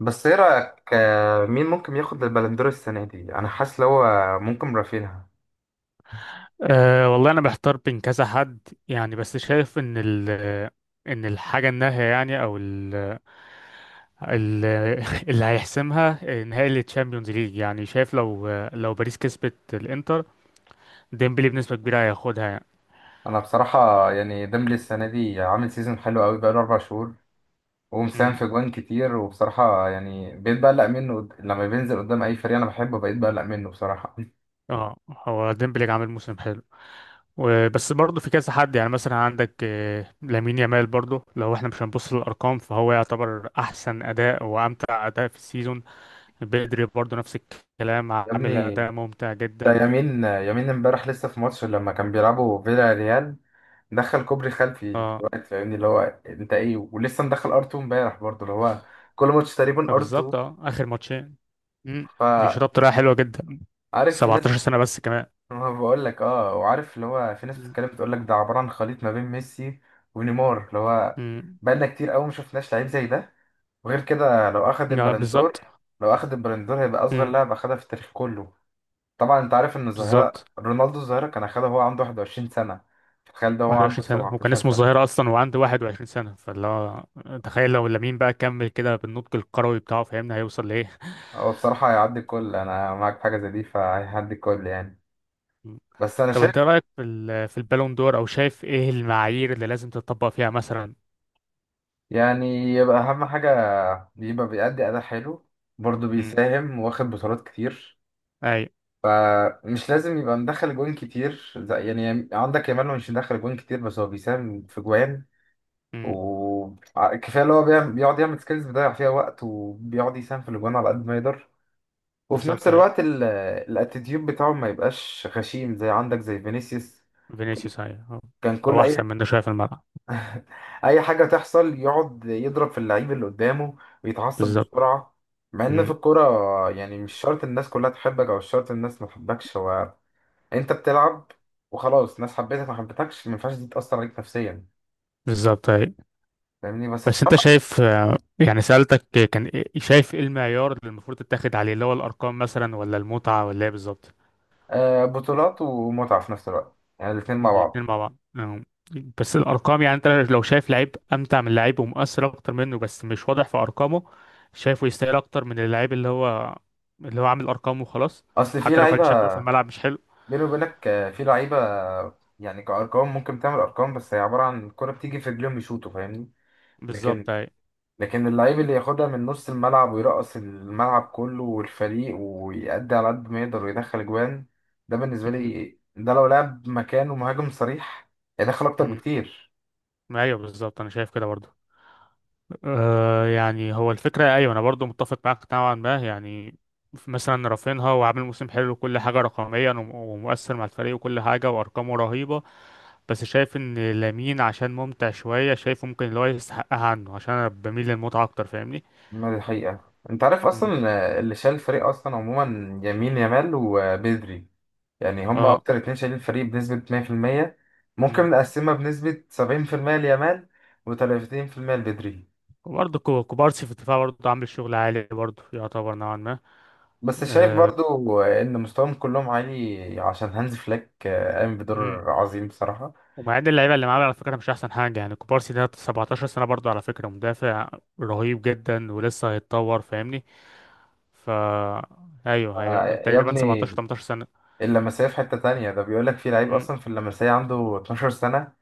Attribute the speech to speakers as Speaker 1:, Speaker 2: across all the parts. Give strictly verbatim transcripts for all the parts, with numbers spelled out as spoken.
Speaker 1: بس ايه رأيك، آه، مين ممكن ياخد البلندور السنة دي؟ انا حاسس لو هو ممكن رافينها.
Speaker 2: أه، والله انا بحتار بين كذا حد. يعني بس شايف ان ال ان الحاجه النهائيه، يعني، او ال ال اللي هيحسمها نهائي التشامبيونز ليج. يعني شايف لو لو باريس كسبت الانتر، ديمبلي بنسبه كبيره هياخدها يعني.
Speaker 1: انا بصراحة يعني ديمبلي السنة دي عامل سيزون حلو قوي بقاله اربع شهور ومساهم
Speaker 2: أمم،
Speaker 1: في جوان كتير، وبصراحة يعني بقيت بقلق منه. قد- لما بينزل قدام اي فريق انا بحبه بقيت بقلق منه بصراحة.
Speaker 2: اه، هو ديمبلي عامل موسم حلو. وبس برضه في كذا حد، يعني مثلا عندك آه، لامين يامال برضه. لو احنا مش هنبص للارقام فهو يعتبر احسن اداء وامتع اداء في السيزون. بدري برضه نفس الكلام،
Speaker 1: يا
Speaker 2: عامل
Speaker 1: ابني،
Speaker 2: اداء ممتع
Speaker 1: ده
Speaker 2: جدا.
Speaker 1: يمين يمين امبارح لسه في ماتش لما كان بيلعبوا فيلا ريال، دخل كوبري خلفي في
Speaker 2: اه.
Speaker 1: الوقت، فاهمني اللي هو انت ايه، ولسه مدخل ار اتنين امبارح برضه اللي هو كل ماتش تقريبا
Speaker 2: آه،
Speaker 1: ار اتنين.
Speaker 2: بالظبط، اه، اخر ماتشين. مم.
Speaker 1: ف
Speaker 2: بيشرب بطريقه حلوه جدا.
Speaker 1: عارف في ناس،
Speaker 2: سبعتاشر سنة سنه بس كمان.
Speaker 1: ما بقول لك اه، وعارف اللي هو في ناس
Speaker 2: مم.
Speaker 1: بتتكلم بتقول لك ده عباره عن خليط ما بين ميسي ونيمار، اللي هو
Speaker 2: مم.
Speaker 1: بقالنا كتير قوي ما شفناش لعيب زي ده. وغير كده لو اخد
Speaker 2: لا،
Speaker 1: البلندور،
Speaker 2: بالظبط.
Speaker 1: لو اخد البلندور هيبقى اصغر
Speaker 2: مم.
Speaker 1: لاعب اخدها في التاريخ كله. طبعا انت عارف ان
Speaker 2: بالظبط.
Speaker 1: الظاهره رونالدو، الظاهره كان اخدها وهو عنده واحد وعشرين سنة سنه، تخيل ده هو عنده
Speaker 2: واحد وعشرين سنة سنه وكان
Speaker 1: سبعة عشر سنة
Speaker 2: اسمه
Speaker 1: سنه.
Speaker 2: الظاهره اصلا وعنده واحد وعشرين سنة سنه، فاللي هو تخيل لو لامين بقى كمل كده بالنضج الكروي بتاعه، فاهمنا هيوصل لايه.
Speaker 1: هو بصراحه هيعدي الكل، انا معاك في حاجه زي دي فهيعدي الكل يعني.
Speaker 2: مم.
Speaker 1: بس انا
Speaker 2: طب
Speaker 1: شايف
Speaker 2: انت إيه رايك في ال- في البالون دور؟ او شايف ايه المعايير اللي لازم تطبق فيها مثلا؟
Speaker 1: يعني، يبقى اهم حاجه يبقى بيأدي اداء حلو، برضه
Speaker 2: مم.
Speaker 1: بيساهم واخد بطولات كتير.
Speaker 2: اي.
Speaker 1: فمش لازم يبقى مدخل جوان كتير، زي يعني عندك يامال هو مش مدخل جوان كتير بس هو بيساهم في جوان،
Speaker 2: مم.
Speaker 1: وكفايه اللي هو بيعمل- بيقعد يعمل سكيلز بيضيع فيها وقت، وبيقعد يساهم في الاجوان على قد ما يقدر. وفي نفس
Speaker 2: بالظبط، اي.
Speaker 1: الوقت ال- الاتيتيود بتاعه ما يبقاش غشيم زي عندك زي فينيسيوس،
Speaker 2: فينيسيوس، اي، هو.
Speaker 1: كان كل
Speaker 2: هو احسن
Speaker 1: اي
Speaker 2: من ده شويه في الملعب.
Speaker 1: اي حاجه تحصل يقعد يضرب في اللعيب اللي قدامه ويتعصب
Speaker 2: بالظبط.
Speaker 1: بسرعه. مع ان في
Speaker 2: مم.
Speaker 1: الكوره يعني مش شرط الناس كلها تحبك او مش شرط الناس ما تحبكش، هو انت بتلعب وخلاص، ناس حبيتك ما حبيتكش ما ينفعش دي تأثر عليك نفسيا،
Speaker 2: بالظبط، اي.
Speaker 1: فاهمني. بس
Speaker 2: بس انت
Speaker 1: بصراحة،
Speaker 2: شايف، يعني سألتك كان ايه- شايف ايه المعيار اللي المفروض تتاخد عليه؟ اللي هو الارقام مثلا ولا المتعة ولا ايه بالظبط؟
Speaker 1: آه بطولات ومتعة في نفس الوقت، يعني الاتنين مع بعض.
Speaker 2: الاتنين مع بعض، اه. بس الارقام، يعني انت لو شايف لعيب امتع من لعيب ومؤثر اكتر منه بس مش واضح في ارقامه، شايفه يستاهل اكتر من اللعيب اللي هو اللي هو عامل ارقام وخلاص؟
Speaker 1: اصل في
Speaker 2: حتى لو كان
Speaker 1: لعيبة،
Speaker 2: شكله في الملعب مش حلو.
Speaker 1: بيني وبينك آه، في لعيبة يعني كأرقام ممكن تعمل أرقام، بس هي عبارة عن الكرة بتيجي في رجليهم يشوطوا، فاهمني. لكن
Speaker 2: بالظبط، ايوه.
Speaker 1: لكن اللعيب اللي ياخدها من نص الملعب ويرقص الملعب كله والفريق ويأدي على قد ما يقدر ويدخل أجوان، ده بالنسبة
Speaker 2: م-
Speaker 1: لي. ده لو لعب مكانه مهاجم صريح هيدخل أكتر
Speaker 2: م.
Speaker 1: بكتير.
Speaker 2: ايوه، بالظبط، انا شايف كده برضه. آه، يعني هو الفكرة أيوة، أنا برضو متفق معاك نوعا ما. يعني مثلا رافينها، وعامل موسم حلو وكل حاجة رقميا وم- ومؤثر مع الفريق وكل حاجة وأرقامه رهيبة. بس شايف إن لامين عشان ممتع شوية شايفه ممكن اللي هو يستحقها عنه، عشان أنا بميل للمتعة أكتر، فاهمني؟
Speaker 1: ما دي حقيقة، انت عارف اصلا.
Speaker 2: مم.
Speaker 1: آه، اللي شال الفريق اصلا عموما يمين يامال وبدري، يعني هما
Speaker 2: اه.
Speaker 1: اكتر اتنين شايلين الفريق بنسبة مية في المية.
Speaker 2: مم.
Speaker 1: ممكن نقسمها بنسبة سبعين في المية ليامال و30% لبدري.
Speaker 2: وبرضه كو- كوبارسي في الدفاع برضه عامل شغل عالي، برضه يعتبر نوعا ما.
Speaker 1: بس شايف
Speaker 2: آه.
Speaker 1: برضو آه، ان مستواهم كلهم عالي عشان هانز فليك آه، قام بدور عظيم بصراحة.
Speaker 2: ومعاد اللعيبه اللي معاه على فكره مش احسن حاجه. يعني كوبارسي ده سبعتاشر سنة سنه برضه على فكره، مدافع رهيب جدا ولسه هيتطور، فاهمني؟ ف ايوه،
Speaker 1: آه،
Speaker 2: هيبقى
Speaker 1: يا
Speaker 2: تقريبا سبعتاشر
Speaker 1: ابني،
Speaker 2: تمنتاشر سنة سنه.
Speaker 1: اللمسية في حتة تانية، ده بيقولك في لعيب
Speaker 2: امم.
Speaker 1: اصلا في اللمسية عنده 12 سنة،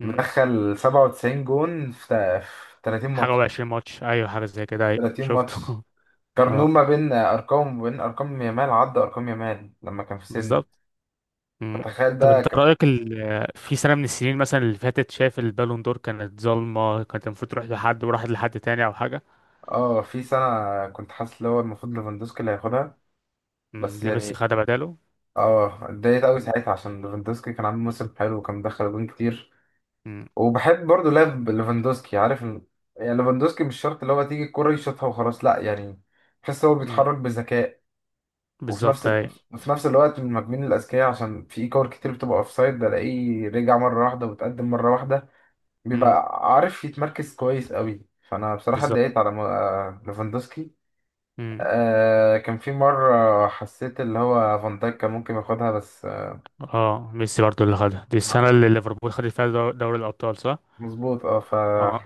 Speaker 2: امم.
Speaker 1: مدخل 97 جون في في 30
Speaker 2: حاجه
Speaker 1: ماتش،
Speaker 2: و20 ماتش، ايوه حاجه زي كده، ايوه
Speaker 1: 30 ماتش.
Speaker 2: شفته.
Speaker 1: قارنوه
Speaker 2: اه.
Speaker 1: ما بين ارقام وبين ارقام يامال، عدى ارقام يامال لما كان في سنه.
Speaker 2: بالظبط. امم.
Speaker 1: فتخيل
Speaker 2: طب
Speaker 1: ده
Speaker 2: انت
Speaker 1: ك...
Speaker 2: رايك ال... في سنه من السنين مثلا اللي فاتت شايف البالون دور كانت ظالمه، كانت المفروض تروح لحد وراحت لحد تاني او حاجه؟
Speaker 1: اه. في سنه كنت حاسس اللي هو المفروض ليفاندوسكي اللي هياخدها،
Speaker 2: امم،
Speaker 1: بس
Speaker 2: اللي ميسي
Speaker 1: يعني
Speaker 2: خدها بداله.
Speaker 1: اه اتضايقت قوي
Speaker 2: امم.
Speaker 1: ساعتها عشان ليفاندوسكي كان عامل موسم حلو وكان مدخل جون كتير.
Speaker 2: امم.
Speaker 1: وبحب برضه لعب ليفاندوسكي، عارف ال... يعني ليفاندوسكي مش شرط اللي هو تيجي الكرة يشوطها وخلاص، لا يعني، تحس هو
Speaker 2: امم.
Speaker 1: بيتحرك بذكاء، وفي نفس
Speaker 2: بالظبط،
Speaker 1: ال...
Speaker 2: ايوه.
Speaker 1: في نفس الوقت من المهاجمين الاذكياء عشان في كور كتير بتبقى اوفسايد بلاقيه رجع مره واحده وتقدم مره واحده،
Speaker 2: امم.
Speaker 1: بيبقى عارف يتمركز كويس قوي. فانا بصراحه
Speaker 2: بالظبط.
Speaker 1: اتضايقت على م- آه، ليفاندوسكي.
Speaker 2: مم.
Speaker 1: آه كان في مره حسيت اللي هو فان دايك كان ممكن ياخدها بس،
Speaker 2: اه، ميسي برضو اللي خدها، دي السنة
Speaker 1: آه،
Speaker 2: اللي ليفربول خدت فيها دو- دوري الأبطال، صح؟
Speaker 1: مظبوط اه. ف
Speaker 2: اه.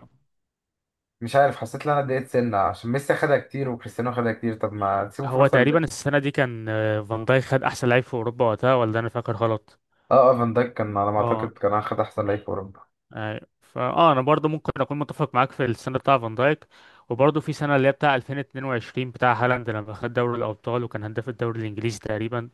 Speaker 1: مش عارف حسيت ان انا اتضايقت سنه عشان ميسي خدها كتير وكريستيانو خدها كتير، طب ما تسيبوا
Speaker 2: هو
Speaker 1: فرصه ل...
Speaker 2: تقريبا السنة دي كان، آه، فان دايك خد أحسن لعيب في أوروبا وقتها، ولا أنا فاكر غلط؟
Speaker 1: اه. آه، فان دايك كان على ما اعتقد
Speaker 2: اه.
Speaker 1: كان اخد احسن لعيب في اوروبا.
Speaker 2: أي. فاه، أنا برضو ممكن أكون متفق معاك في السنة بتاع فان دايك. وبرضو في سنة اللي هي بتاع ألفين واتنين وعشرين بتاع هالاند، لما خد دوري الأبطال وكان هداف الدوري الإنجليزي تقريبا.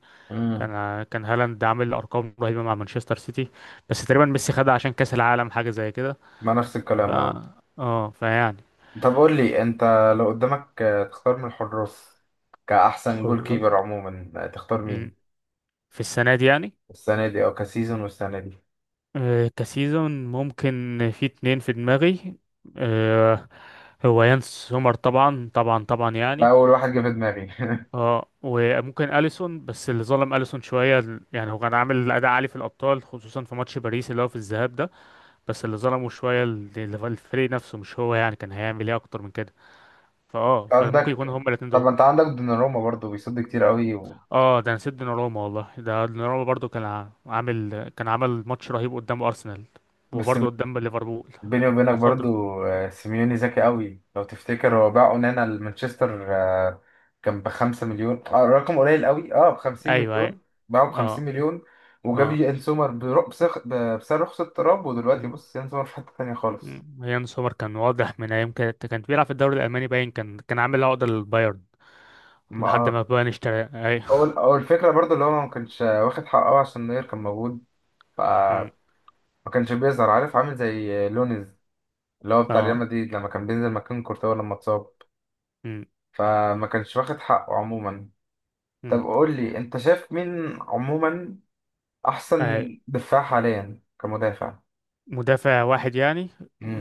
Speaker 2: كان
Speaker 1: امم.
Speaker 2: آه، كان هالاند عامل أرقام رهيبة مع مانشستر سيتي. بس تقريبا ميسي خدها عشان كأس العالم حاجة زي كده.
Speaker 1: ما نفس
Speaker 2: ف
Speaker 1: الكلام اه.
Speaker 2: اه، فيعني.
Speaker 1: طب قول لي انت، لو قدامك آه، تختار من الحراس كأحسن
Speaker 2: حر-
Speaker 1: جول كيبر عموما آه، تختار
Speaker 2: م.
Speaker 1: مين؟
Speaker 2: في السنة دي يعني.
Speaker 1: السنة دي أو كسيزون والسنة دي؟
Speaker 2: آه، كسيزون ممكن في اتنين في دماغي. آه، هو يانس سومر، طبعا طبعا طبعا
Speaker 1: انا
Speaker 2: يعني.
Speaker 1: اول واحد جه في دماغي.
Speaker 2: اه، وممكن اليسون. بس اللي ظلم اليسون شويه ال- يعني هو كان عامل اداء عالي في الابطال، خصوصا في ماتش باريس اللي هو في الذهاب ده. بس اللي ظلمه شويه ال- ال- الفريق نفسه، مش هو. يعني كان هيعمل ايه اكتر من كده؟ فاه، فممكن يكون
Speaker 1: عندك،
Speaker 2: هما الاتنين
Speaker 1: طب
Speaker 2: دول.
Speaker 1: ما انت عندك دوناروما برضو بيصد كتير قوي و...
Speaker 2: اه، ده نسيت دوناروما والله. ده دوناروما برضو كان ع- عامل، كان عمل ماتش رهيب قدام ارسنال.
Speaker 1: بس
Speaker 2: وبرضه قدام ليفربول.
Speaker 1: بيني وبينك برضو
Speaker 2: وصد.
Speaker 1: آه، سيميوني ذكي قوي، لو تفتكر هو باع اونانا لمانشستر آه، كان بخمسة مليون، آه، رقم قليل قوي، اه بخمسين
Speaker 2: ايوه ايوه.
Speaker 1: مليون. باعه
Speaker 2: اه.
Speaker 1: بخمسين مليون، وجاب
Speaker 2: اه.
Speaker 1: يان سومر برق- بسخ- ب- بسعر رخص التراب، ودلوقتي
Speaker 2: مم.
Speaker 1: بص يان سومر في حتة تانية خالص.
Speaker 2: مم. يان سومر كان واضح من ايام كانت كان بيلعب في الدوري الالماني، باين كان كان عامل عقده للبايرن
Speaker 1: ما
Speaker 2: لحد
Speaker 1: آه.
Speaker 2: ما بايرن اشترى، اي.
Speaker 1: اول اول فكرة برضو اللي هو ما كانش واخد حقه عشان نوير كان موجود. ف-
Speaker 2: مم.
Speaker 1: ما كانش بيظهر، عارف عامل زي لونز اللي هو بتاع ريال
Speaker 2: اه.
Speaker 1: مدريد لما كان بينزل مكان كورتوا لما اتصاب،
Speaker 2: مم.
Speaker 1: فما كانش واخد حقه عموما. طب
Speaker 2: مم.
Speaker 1: قول لي انت شايف مين عموما احسن
Speaker 2: اي،
Speaker 1: دفاع حاليا كمدافع؟
Speaker 2: مدافع واحد يعني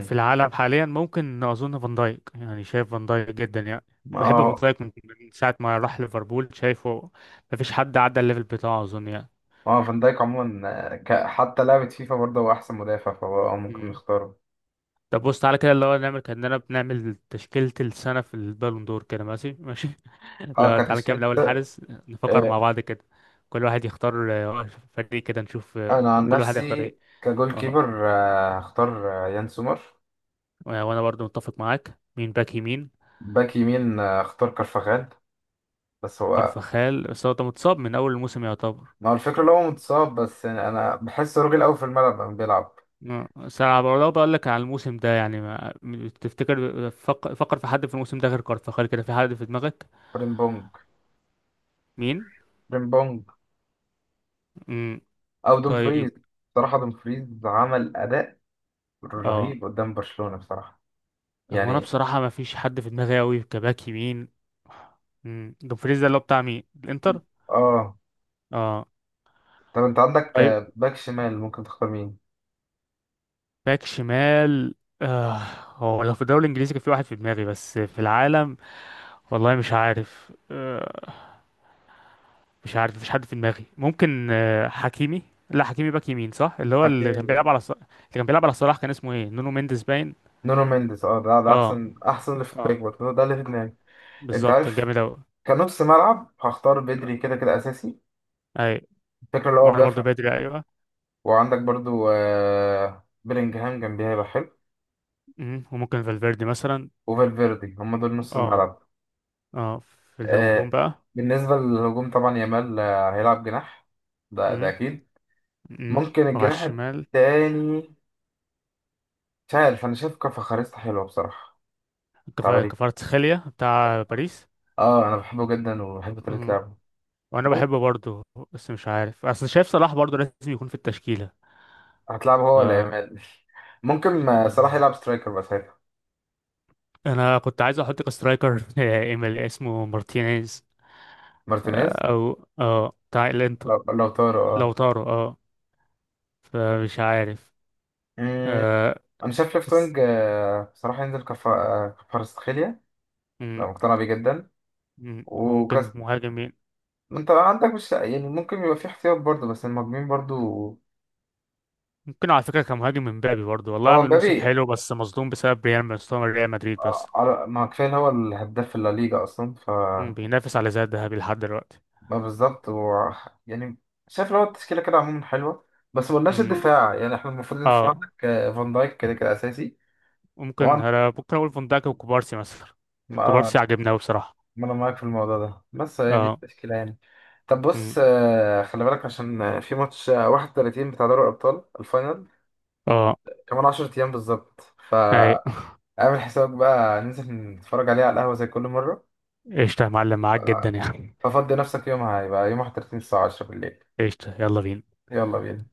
Speaker 2: في العالم حاليا؟ ممكن اظن فان دايك. يعني شايف فان دايك جدا يعني. بحب فان
Speaker 1: اه.
Speaker 2: دايك من، من ساعة ما راح ليفربول شايفه مفيش حد عدى الليفل بتاعه اظن.
Speaker 1: اه فان دايك عموما آه، ك... حتى لعبة فيفا برضه هو احسن مدافع، فهو آه، ممكن
Speaker 2: يعني.
Speaker 1: نختاره.
Speaker 2: طب بص، تعالى كده، اللي هو نعمل كأننا بنعمل تشكيلة السنة في البالون دور كده، ماشي ماشي.
Speaker 1: اه
Speaker 2: لا، تعالى كده من
Speaker 1: كتشكيلة،
Speaker 2: أول حارس. نفكر
Speaker 1: آه،
Speaker 2: مع بعض كده، كل واحد يختار. آه، فريق كده نشوف
Speaker 1: انا
Speaker 2: آه،
Speaker 1: عن
Speaker 2: كل واحد هيختار
Speaker 1: نفسي
Speaker 2: ايه.
Speaker 1: كجول
Speaker 2: اه،
Speaker 1: كيبر آه، هختار آه، يان سومر.
Speaker 2: وأنا برضو متفق معاك. مين باك يمين؟
Speaker 1: باك يمين آه، هختار كارفاخال، بس هو.
Speaker 2: كارفاخال، بس هو ده متصاب من أول الموسم يعتبر.
Speaker 1: ما هو الفكرة اللي هو متصاب، بس يعني أنا بحس راجل أوي في الملعب لما بيلعب.
Speaker 2: آه، بس أنا برضه بقول لك على الموسم ده، يعني ما- م- تفتكر، فكر, فكر في حد في الموسم ده غير كارفاخال كده، في حد في دماغك؟
Speaker 1: فريمبونج.
Speaker 2: مين؟
Speaker 1: فريمبونج
Speaker 2: مم.
Speaker 1: او
Speaker 2: طيب.
Speaker 1: دومفريز، بصراحه دومفريز عمل اداء
Speaker 2: اه.
Speaker 1: رهيب قدام برشلونه بصراحه،
Speaker 2: هو انا
Speaker 1: يعني
Speaker 2: بصراحه ما فيش حد في دماغي قوي كباك يمين. مم، دومفريز ده اللي هو بتاع مين، الانتر؟
Speaker 1: اه.
Speaker 2: اه.
Speaker 1: طب انت عندك
Speaker 2: طيب.
Speaker 1: آه، باك شمال ممكن تختار مين؟
Speaker 2: باك شمال، آه، هو لو في الدوري الانجليزي كان في واحد في دماغي، بس في العالم والله مش عارف، آه، مش عارف مفيش حد في دماغي. ممكن آه حكيمي. لا، حكيمي باك يمين صح. اللي هو اللي كان
Speaker 1: أوكي.
Speaker 2: بيلعب على ص... اللي كان بيلعب على صلاح، كان اسمه ايه، نونو مينديز باين.
Speaker 1: نونو مينديز، اه، ده ده
Speaker 2: اه.
Speaker 1: احسن احسن ليفت
Speaker 2: اه.
Speaker 1: باك برضه ده اللي في دماغي. انت
Speaker 2: بالظبط،
Speaker 1: عارف
Speaker 2: جامد اوي.
Speaker 1: كنص ملعب هختار بدري كده كده اساسي،
Speaker 2: اي.
Speaker 1: الفكره اللي هو
Speaker 2: وانا برضه
Speaker 1: بيافع.
Speaker 2: بدري، ايوه.
Speaker 1: وعندك برضو آه بيلينجهام جنبيه هيبقى حلو،
Speaker 2: مم، وممكن فالفيردي مثلا.
Speaker 1: وفالفيردي. هم دول نص
Speaker 2: اه.
Speaker 1: الملعب.
Speaker 2: اه. في الهجوم
Speaker 1: آه
Speaker 2: بقى.
Speaker 1: بالنسبه للهجوم طبعا يامال آه، هيلعب جناح، ده ده
Speaker 2: امم.
Speaker 1: اكيد.
Speaker 2: امم.
Speaker 1: ممكن
Speaker 2: وعلى
Speaker 1: الجناح
Speaker 2: الشمال،
Speaker 1: التاني، مش عارف، انا شايف كفخاريستا حلوه بصراحه، بتاع
Speaker 2: كفا-
Speaker 1: باريس.
Speaker 2: كفاراتسخيليا بتاع باريس.
Speaker 1: اه انا بحبه جدا وبحب طريقه
Speaker 2: امم.
Speaker 1: لعبه.
Speaker 2: وانا
Speaker 1: مم-
Speaker 2: بحبه برضه. بس مش عارف، اصل شايف صلاح برضه لازم يكون في التشكيله.
Speaker 1: هتلعبه هو ولا
Speaker 2: ف
Speaker 1: يامال؟ ممكن آه، صلاح يلعب سترايكر بقى ساعتها.
Speaker 2: انا كنت عايز احط كسترايكر ايميل، اسمه مارتينيز.
Speaker 1: مارتينيز.
Speaker 2: آه، او اه بتاع
Speaker 1: لو
Speaker 2: الانتر.
Speaker 1: لو طارق
Speaker 2: لو
Speaker 1: اه.
Speaker 2: طاروا، اه. فمش عارف.
Speaker 1: مم،
Speaker 2: آه.
Speaker 1: انا شايف ليفت
Speaker 2: بس.
Speaker 1: وينج آه، بصراحه ينزل كف كفارستخيليا،
Speaker 2: مم،
Speaker 1: لو مقتنع بيه جدا.
Speaker 2: مم،
Speaker 1: وكاس،
Speaker 2: وممكن مهاجم مين؟
Speaker 1: انت عندك مش يعني، ممكن يبقى في احتياط برضه، بس المهاجمين برضه.
Speaker 2: ممكن على فكره كمهاجم امبابي برضه، والله
Speaker 1: هو
Speaker 2: عامل موسم
Speaker 1: مبابي
Speaker 2: حلو، بس مظلوم بسبب ريال، مستوى ريال مدريد
Speaker 1: آه،
Speaker 2: بس.
Speaker 1: على- ما كفايه إن هو الهداف في الليجا اصلا. ف
Speaker 2: مم، بينافس على زاد ذهبي لحد دلوقتي.
Speaker 1: ما بالظبط هو، يعني شايف لو التشكيلة كده عموما حلوة، بس مقلناش
Speaker 2: مم.
Speaker 1: الدفاع يعني، احنا المفروض الدفاع
Speaker 2: اه،
Speaker 1: عندك آه، فان دايك كده كده أساسي.
Speaker 2: ممكن،
Speaker 1: وعند
Speaker 2: انا ممكن اقول فندق وكوبارسي مثلا.
Speaker 1: ما آه،
Speaker 2: كوبارسي عجبني قوي بصراحه.
Speaker 1: ما أنا معاك في الموضوع ده، بس هي دي
Speaker 2: اه.
Speaker 1: التشكيلة يعني. طب بص
Speaker 2: مم.
Speaker 1: آه، خلي بالك عشان آه، في ماتش آه، واحد وتلاتين بتاع دوري الأبطال الفاينل
Speaker 2: اه.
Speaker 1: كمان 10 أيام بالظبط.
Speaker 2: اي.
Speaker 1: فاعمل حسابك بقى، ننزل نتفرج عليه على القهوة زي كل مرة.
Speaker 2: قشطه يا معلم، معاك جدا يعني.
Speaker 1: ففضي نفسك يومها، هيبقى يوم واحد وتلاتين الساعة عشرة بالليل.
Speaker 2: قشطه، يلا بينا.
Speaker 1: يلا بينا.